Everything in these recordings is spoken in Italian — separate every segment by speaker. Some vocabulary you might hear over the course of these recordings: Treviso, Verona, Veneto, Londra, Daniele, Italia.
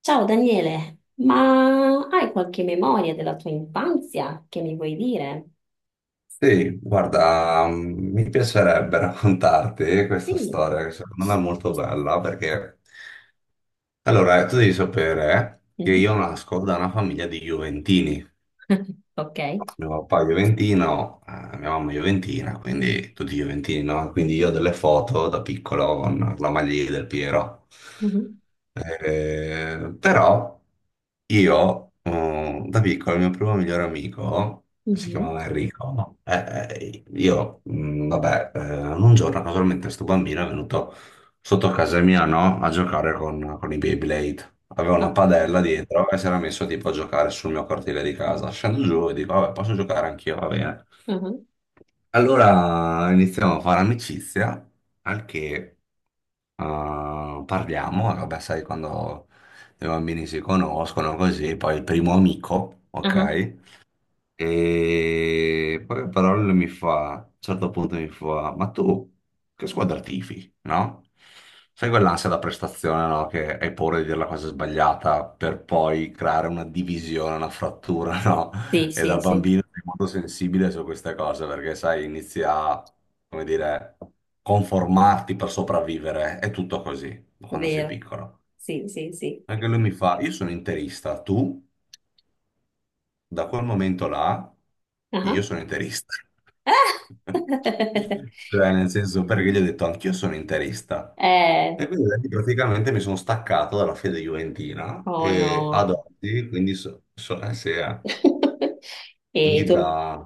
Speaker 1: Ciao Daniele, ma hai qualche memoria della tua infanzia che mi vuoi dire?
Speaker 2: Sì, guarda, mm, mi piacerebbe raccontarti questa
Speaker 1: Sì.
Speaker 2: storia che secondo me è molto bella perché, allora, tu devi sapere che io
Speaker 1: Mhm.
Speaker 2: nasco da una famiglia di Juventini.
Speaker 1: Ok.
Speaker 2: Mio papà è Juventino, mia mamma è Juventina, quindi tutti Juventini, no? Quindi io ho delle foto da piccolo con la maglia del Piero.
Speaker 1: Mhm.
Speaker 2: Però io, da piccolo, il mio primo migliore amico, si
Speaker 1: Mhm.
Speaker 2: chiamava Enrico, no? Io, vabbè, un giorno casualmente sto bambino è venuto sotto casa mia, no? A giocare con i Beyblade. Aveva una
Speaker 1: Ah,
Speaker 2: padella dietro e si era messo tipo a giocare sul mio cortile di casa. Scendo giù e dico, vabbè, posso giocare anch'io, va bene.
Speaker 1: ah,
Speaker 2: Allora iniziamo a fare amicizia, al che parliamo, e vabbè, sai, quando i bambini si conoscono così, poi il primo amico,
Speaker 1: ah.
Speaker 2: ok? E poi a parole mi fa, a un certo punto mi fa, ma tu che squadra tifi, no? Sai quell'ansia da prestazione, no? Che hai paura di dire la cosa sbagliata per poi creare una divisione, una frattura, no?
Speaker 1: Sì,
Speaker 2: E da
Speaker 1: sì, sì,
Speaker 2: bambino sei molto sensibile su queste cose perché, sai, inizi a, come dire, conformarti per sopravvivere. È tutto così
Speaker 1: è
Speaker 2: quando sei
Speaker 1: vero.
Speaker 2: piccolo.
Speaker 1: Sì, sì, sì.
Speaker 2: Anche lui mi fa, io sono interista, tu? Da quel momento là io
Speaker 1: Ah.
Speaker 2: sono interista. Cioè, nel senso, perché gli ho detto anch'io sono interista.
Speaker 1: Eh,
Speaker 2: E quindi da lì praticamente mi sono staccato dalla fede juventina
Speaker 1: oh
Speaker 2: e ad
Speaker 1: no.
Speaker 2: oggi, quindi, sì, eh.
Speaker 1: E
Speaker 2: Quindi
Speaker 1: tu?
Speaker 2: da...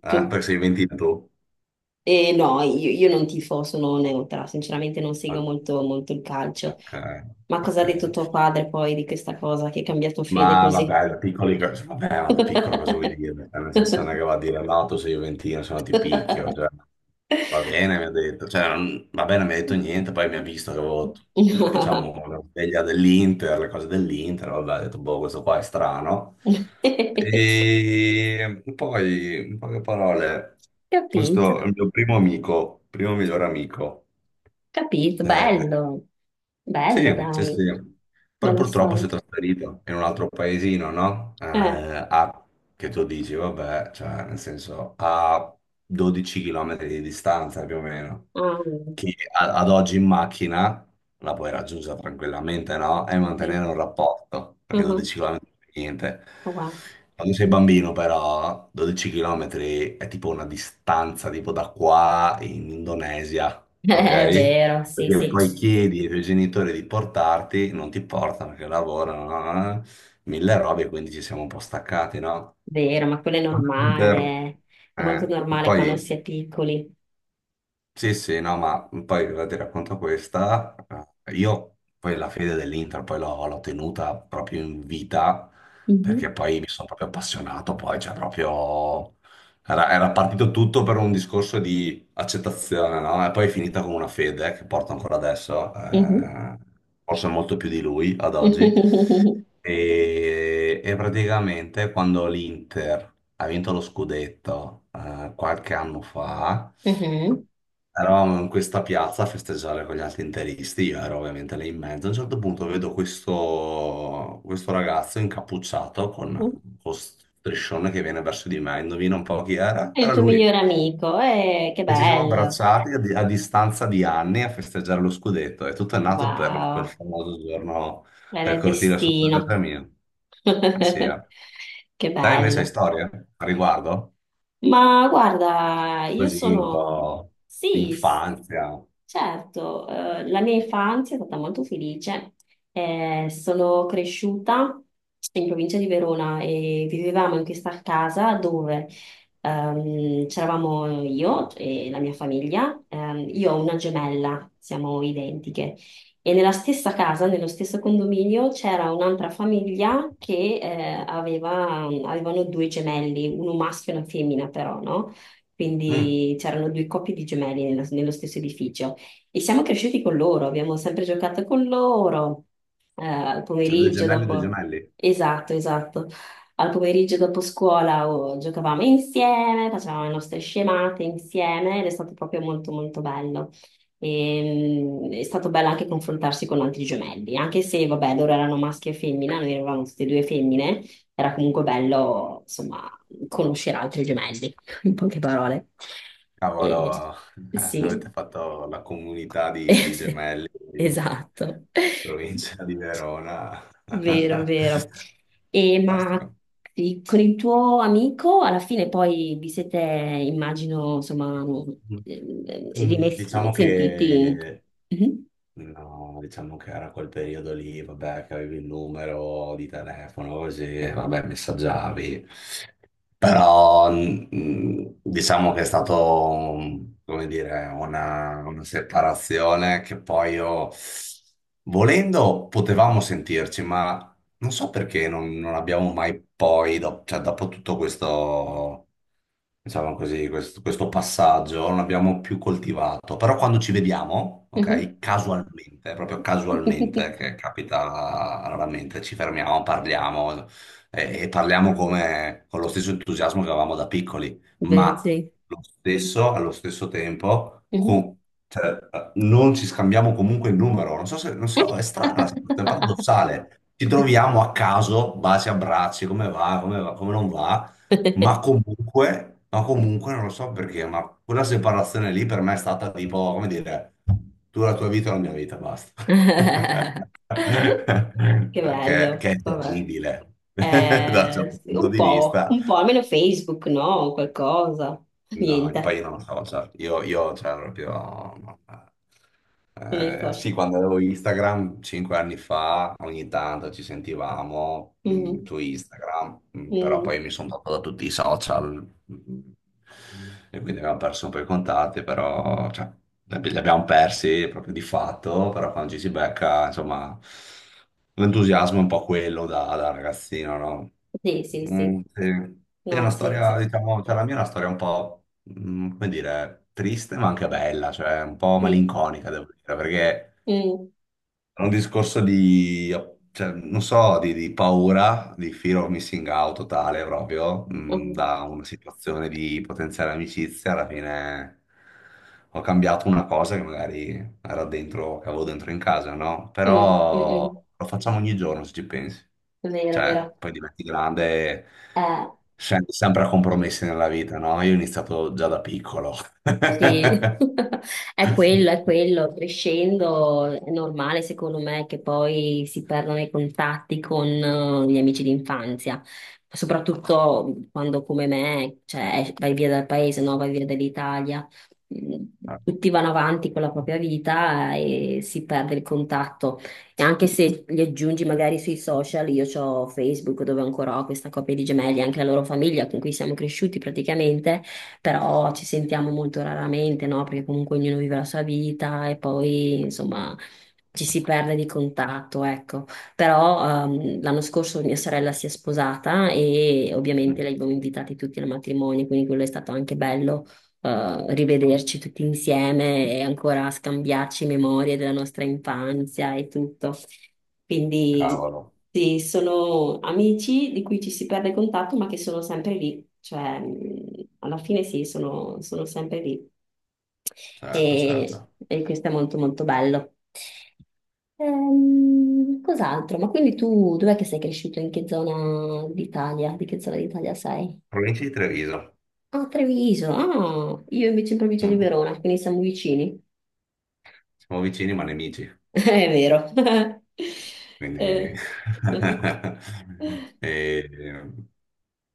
Speaker 1: Tu?
Speaker 2: perché sei juventino tu?
Speaker 1: No, io non tifo, sono neutra, sinceramente non
Speaker 2: Ah,
Speaker 1: seguo molto, molto il calcio.
Speaker 2: ok,
Speaker 1: Ma cosa
Speaker 2: ok.
Speaker 1: ha detto tuo padre poi di questa cosa che hai cambiato fede
Speaker 2: Ma
Speaker 1: così?
Speaker 2: vabbè, da piccoli, vabbè, ma da piccolo cosa vuoi
Speaker 1: Capito,
Speaker 2: dire? Cioè, nel senso non è che va a dire no, tu sei Juventino, se no ti picchio. Cioè, va bene, mi ha detto, cioè, va bene, mi ha detto niente, poi mi ha visto che avevo, diciamo, la sveglia dell'Inter, le cose dell'Inter, vabbè, ha detto, boh, questo qua è strano. E poi, in poche parole, questo è il mio primo amico, primo miglior amico.
Speaker 1: capito,
Speaker 2: Eh,
Speaker 1: bello, bello
Speaker 2: sì, sì,
Speaker 1: dai,
Speaker 2: sì. Poi
Speaker 1: bella
Speaker 2: purtroppo si
Speaker 1: storia.
Speaker 2: è trasferito in un altro paesino, no?
Speaker 1: Eh,
Speaker 2: A, che tu dici, vabbè, cioè, nel senso, a 12 km di distanza più o meno,
Speaker 1: ah,
Speaker 2: che ad oggi in macchina la puoi raggiungere tranquillamente, no? E
Speaker 1: sì.
Speaker 2: mantenere un rapporto, perché
Speaker 1: Mhm,
Speaker 2: 12 km non è niente.
Speaker 1: wow.
Speaker 2: Quando sei bambino, però, 12 km è tipo una distanza tipo da qua in Indonesia,
Speaker 1: È
Speaker 2: ok?
Speaker 1: vero, sì,
Speaker 2: Perché
Speaker 1: sì,
Speaker 2: poi chiedi ai tuoi genitori di portarti, non ti portano perché lavorano, mille robe, quindi ci siamo un po' staccati, no?
Speaker 1: vero, ma quello è
Speaker 2: Computer,
Speaker 1: normale, è molto
Speaker 2: eh,
Speaker 1: normale quando si
Speaker 2: poi
Speaker 1: è piccoli.
Speaker 2: sì, sì, no, ma poi ora ti racconto questa. Io poi la fede dell'Inter poi l'ho tenuta proprio in vita perché
Speaker 1: Mhm,
Speaker 2: poi mi sono proprio appassionato, poi cioè proprio... Era partito tutto per un discorso di accettazione, no? E poi è finita con una fede che porto ancora adesso,
Speaker 1: mhm.
Speaker 2: forse molto più di lui ad oggi. E praticamente quando l'Inter ha vinto lo scudetto qualche anno fa...
Speaker 1: Mhm.
Speaker 2: Eravamo in questa piazza a festeggiare con gli altri interisti, io ero ovviamente lì in mezzo. A un certo punto vedo questo ragazzo incappucciato con striscione che viene verso di me. Indovina un po' chi era?
Speaker 1: È il
Speaker 2: Era
Speaker 1: tuo migliore
Speaker 2: lui.
Speaker 1: amico, che
Speaker 2: E ci siamo
Speaker 1: bello,
Speaker 2: abbracciati a distanza di anni a festeggiare lo scudetto. E tutto è nato per quel
Speaker 1: wow,
Speaker 2: famoso giorno
Speaker 1: era
Speaker 2: del
Speaker 1: il
Speaker 2: cortile sotto casa
Speaker 1: destino.
Speaker 2: mia. Eh sì, eh.
Speaker 1: Che
Speaker 2: Te invece hai
Speaker 1: bello.
Speaker 2: storie a riguardo?
Speaker 1: Ma guarda, io
Speaker 2: Così un
Speaker 1: sono...
Speaker 2: po' di
Speaker 1: Sì, s-
Speaker 2: infanzia.
Speaker 1: certo, la mia infanzia è stata molto felice. Sono cresciuta in provincia di Verona e vivevamo in questa casa dove c'eravamo io e la mia famiglia. Io ho una gemella, siamo identiche. E nella stessa casa, nello stesso condominio, c'era un'altra famiglia che avevano due gemelli, uno maschio e una femmina però, no?
Speaker 2: Mm,
Speaker 1: Quindi c'erano due coppie di gemelli nello stesso edificio. E siamo cresciuti con loro, abbiamo sempre giocato con loro, al
Speaker 2: c'è due
Speaker 1: pomeriggio
Speaker 2: gemelli, due
Speaker 1: dopo...
Speaker 2: gemelli.
Speaker 1: Esatto, esatto. Al pomeriggio dopo scuola oh, giocavamo insieme, facevamo le nostre scemate insieme ed è stato proprio molto molto bello. E, è stato bello anche confrontarsi con altri gemelli, anche se, vabbè, loro erano maschi e femmina, noi eravamo tutte e due femmine, era comunque bello, insomma, conoscere altri gemelli, in poche parole. E,
Speaker 2: Cavolo, avete
Speaker 1: sì,
Speaker 2: fatto la comunità di gemelli, di
Speaker 1: esatto,
Speaker 2: provincia di Verona.
Speaker 1: vero, vero. E, ma
Speaker 2: Fantastico.
Speaker 1: sì, con il tuo amico, alla fine poi vi siete, immagino, insomma,
Speaker 2: Mm, diciamo
Speaker 1: sentiti.
Speaker 2: che
Speaker 1: Mhm.
Speaker 2: no, diciamo che era quel periodo lì, vabbè, che avevi il numero di telefono, così, vabbè, messaggiavi. Però, diciamo che è stato, come dire, una separazione che poi io, volendo, potevamo sentirci, ma non so perché non abbiamo mai poi, cioè, dopo tutto questo diciamo così, questo passaggio non l'abbiamo più coltivato, però quando ci vediamo,
Speaker 1: Mhm.
Speaker 2: ok, casualmente, proprio casualmente,
Speaker 1: Vedi?
Speaker 2: che capita raramente, ci fermiamo, parliamo e, parliamo come, con lo stesso entusiasmo che avevamo da piccoli, ma lo stesso, allo stesso tempo, cioè, non ci scambiamo comunque il numero, non so se, non so, è strana, è paradossale. Ci troviamo a caso, baci, abbracci, come va, come va, come non va. Ma comunque, non lo so perché, ma quella separazione lì per me è stata tipo, come dire, tu la tua vita, la mia vita, basta.
Speaker 1: Che
Speaker 2: Che
Speaker 1: bello,
Speaker 2: è
Speaker 1: vabbè.
Speaker 2: terribile da un certo
Speaker 1: Sì,
Speaker 2: punto di vista.
Speaker 1: un po', almeno Facebook, no? Qualcosa.
Speaker 2: No, poi
Speaker 1: Niente,
Speaker 2: io non lo so, cioè, io cioè, proprio... no.
Speaker 1: non è
Speaker 2: Sì,
Speaker 1: social.
Speaker 2: quando avevo Instagram, 5 anni fa, ogni tanto ci sentivamo mm,
Speaker 1: Mhm,
Speaker 2: su Instagram. Mm, però
Speaker 1: mhm.
Speaker 2: poi mi sono tolto da tutti i social mm, e quindi abbiamo perso un po' i contatti, però cioè, li abbiamo persi proprio di fatto, però quando ci si becca, insomma, l'entusiasmo è un po' quello da, da ragazzino, no?
Speaker 1: Sì, sì,
Speaker 2: Mm,
Speaker 1: sì.
Speaker 2: sì. Sì, è
Speaker 1: No, ha
Speaker 2: una storia,
Speaker 1: senso.
Speaker 2: diciamo, cioè la mia è una storia un po', come dire, triste ma anche bella, cioè un po'
Speaker 1: Sì.
Speaker 2: malinconica, devo dire, perché...
Speaker 1: Mm,
Speaker 2: È un discorso di, cioè, non so, di paura, di fear of missing out totale proprio,
Speaker 1: mm,
Speaker 2: da una situazione di potenziale amicizia, alla fine ho cambiato una cosa che magari era dentro, che avevo dentro in casa, no?
Speaker 1: mm, mm, mm.
Speaker 2: Però lo facciamo ogni giorno se ci pensi.
Speaker 1: Vero,
Speaker 2: Cioè,
Speaker 1: vero.
Speaker 2: poi diventi grande e
Speaker 1: Eh,
Speaker 2: scendi sempre a compromessi nella vita, no? Io ho iniziato già da piccolo.
Speaker 1: Sì, è quello, è quello. Crescendo è normale, secondo me, che poi si perdano i contatti con gli amici d'infanzia, soprattutto quando come me, cioè, vai via dal paese, no? Vai via dall'Italia. Mm,
Speaker 2: Ah,
Speaker 1: tutti vanno avanti con la propria vita e si perde il contatto. E anche se li aggiungi magari sui social, io ho Facebook dove ancora ho questa coppia di gemelli, anche la loro famiglia con cui siamo cresciuti praticamente però ci sentiamo molto raramente, no? Perché comunque ognuno vive la sua vita e poi, insomma, ci si perde di contatto, ecco. Però l'anno scorso mia sorella si è sposata e ovviamente
Speaker 2: mm,
Speaker 1: li abbiamo invitati tutti al matrimonio, quindi quello è stato anche bello rivederci tutti insieme e ancora scambiarci memorie della nostra infanzia e tutto. Quindi
Speaker 2: cavolo,
Speaker 1: sì, sono amici di cui ci si perde contatto, ma che sono sempre lì. Cioè, alla fine sì, sono, sono sempre lì.
Speaker 2: certo, certo.
Speaker 1: E questo è molto molto bello. Cos'altro? Ma quindi tu dov'è che sei cresciuto? In che zona d'Italia? Di che zona d'Italia sei?
Speaker 2: Provincia di Treviso.
Speaker 1: Ah, Treviso, ah, io invece in provincia di
Speaker 2: Mm.
Speaker 1: Verona, quindi siamo vicini.
Speaker 2: Siamo vicini ma nemici.
Speaker 1: È vero.
Speaker 2: Quindi...
Speaker 1: Eh. Mm,
Speaker 2: e-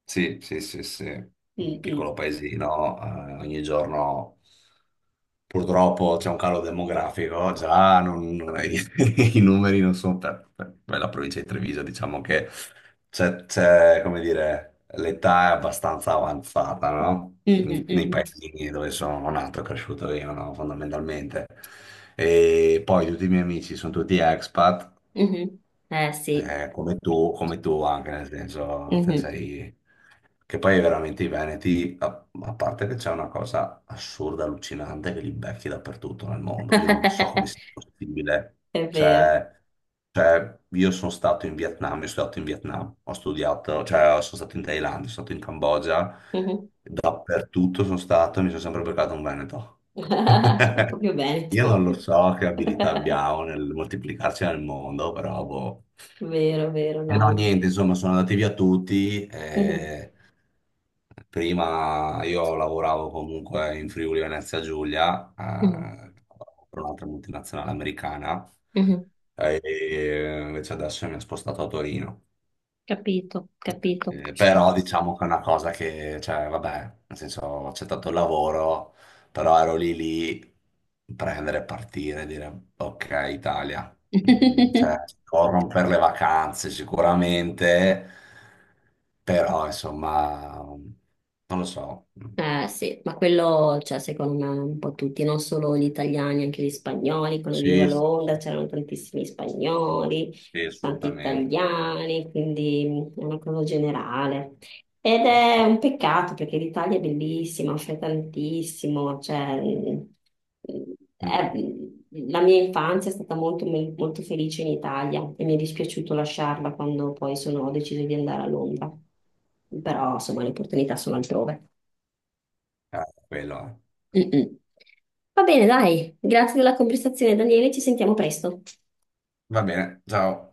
Speaker 2: sì, sì, sì, sì. Un
Speaker 1: mm.
Speaker 2: piccolo paesino, ogni giorno purtroppo c'è un calo demografico, già i numeri non sono per, per la provincia di Treviso, diciamo che c'è, come dire, l'età è abbastanza avanzata, no?
Speaker 1: Mm, mm,
Speaker 2: Nei
Speaker 1: mm,
Speaker 2: paesini dove sono nato e cresciuto io, no? Fondamentalmente. E poi tutti i miei amici sono tutti expat
Speaker 1: mhm. Eh sì,
Speaker 2: come tu anche, nel senso, te
Speaker 1: mhm.
Speaker 2: sei... Che poi veramente i Veneti, a, a parte che c'è una cosa assurda, allucinante, che li becchi dappertutto nel mondo. Io non so come sia possibile.
Speaker 1: È vero.
Speaker 2: Cioè, cioè, io sono stato in Vietnam, ho studiato, cioè, sono stato in Thailandia, sono stato in Cambogia,
Speaker 1: Mhm.
Speaker 2: dappertutto sono stato e mi sono sempre beccato un Veneto.
Speaker 1: Proprio
Speaker 2: Io non
Speaker 1: Veneto.
Speaker 2: lo so che abilità abbiamo nel moltiplicarci nel mondo, però boh.
Speaker 1: Vero, vero,
Speaker 2: E no,
Speaker 1: no.
Speaker 2: niente, insomma, sono andati via tutti.
Speaker 1: Mhm.
Speaker 2: Eh, prima io lavoravo comunque in Friuli Venezia Giulia,
Speaker 1: Mhm.
Speaker 2: per un'altra multinazionale americana,
Speaker 1: Mhm.
Speaker 2: e invece adesso mi ha spostato a Torino.
Speaker 1: Capito, capito.
Speaker 2: Però diciamo che è una cosa che, cioè, vabbè, nel senso, ho accettato il lavoro, però ero lì lì, prendere, partire, dire, ok, Italia, cioè, corrono per le vacanze sicuramente, però, insomma, non lo so.
Speaker 1: Eh sì, ma quello, cioè, secondo me, un po' tutti, non solo gli italiani, anche gli spagnoli. Quando vivevo a
Speaker 2: Sì, sì,
Speaker 1: Londra c'erano tantissimi spagnoli,
Speaker 2: sì,
Speaker 1: tanti
Speaker 2: assolutamente.
Speaker 1: italiani, quindi è una cosa generale. Ed è un peccato perché l'Italia è bellissima, offre tantissimo, cioè, è-
Speaker 2: Mm,
Speaker 1: la mia infanzia è stata molto, molto felice in Italia e mi è dispiaciuto lasciarla quando poi ho deciso di andare a Londra. Però, insomma, le opportunità sono altrove.
Speaker 2: quello. È.
Speaker 1: Mm, mm. Va bene, dai, grazie della conversazione, Daniele, ci sentiamo presto.
Speaker 2: Va bene, ciao.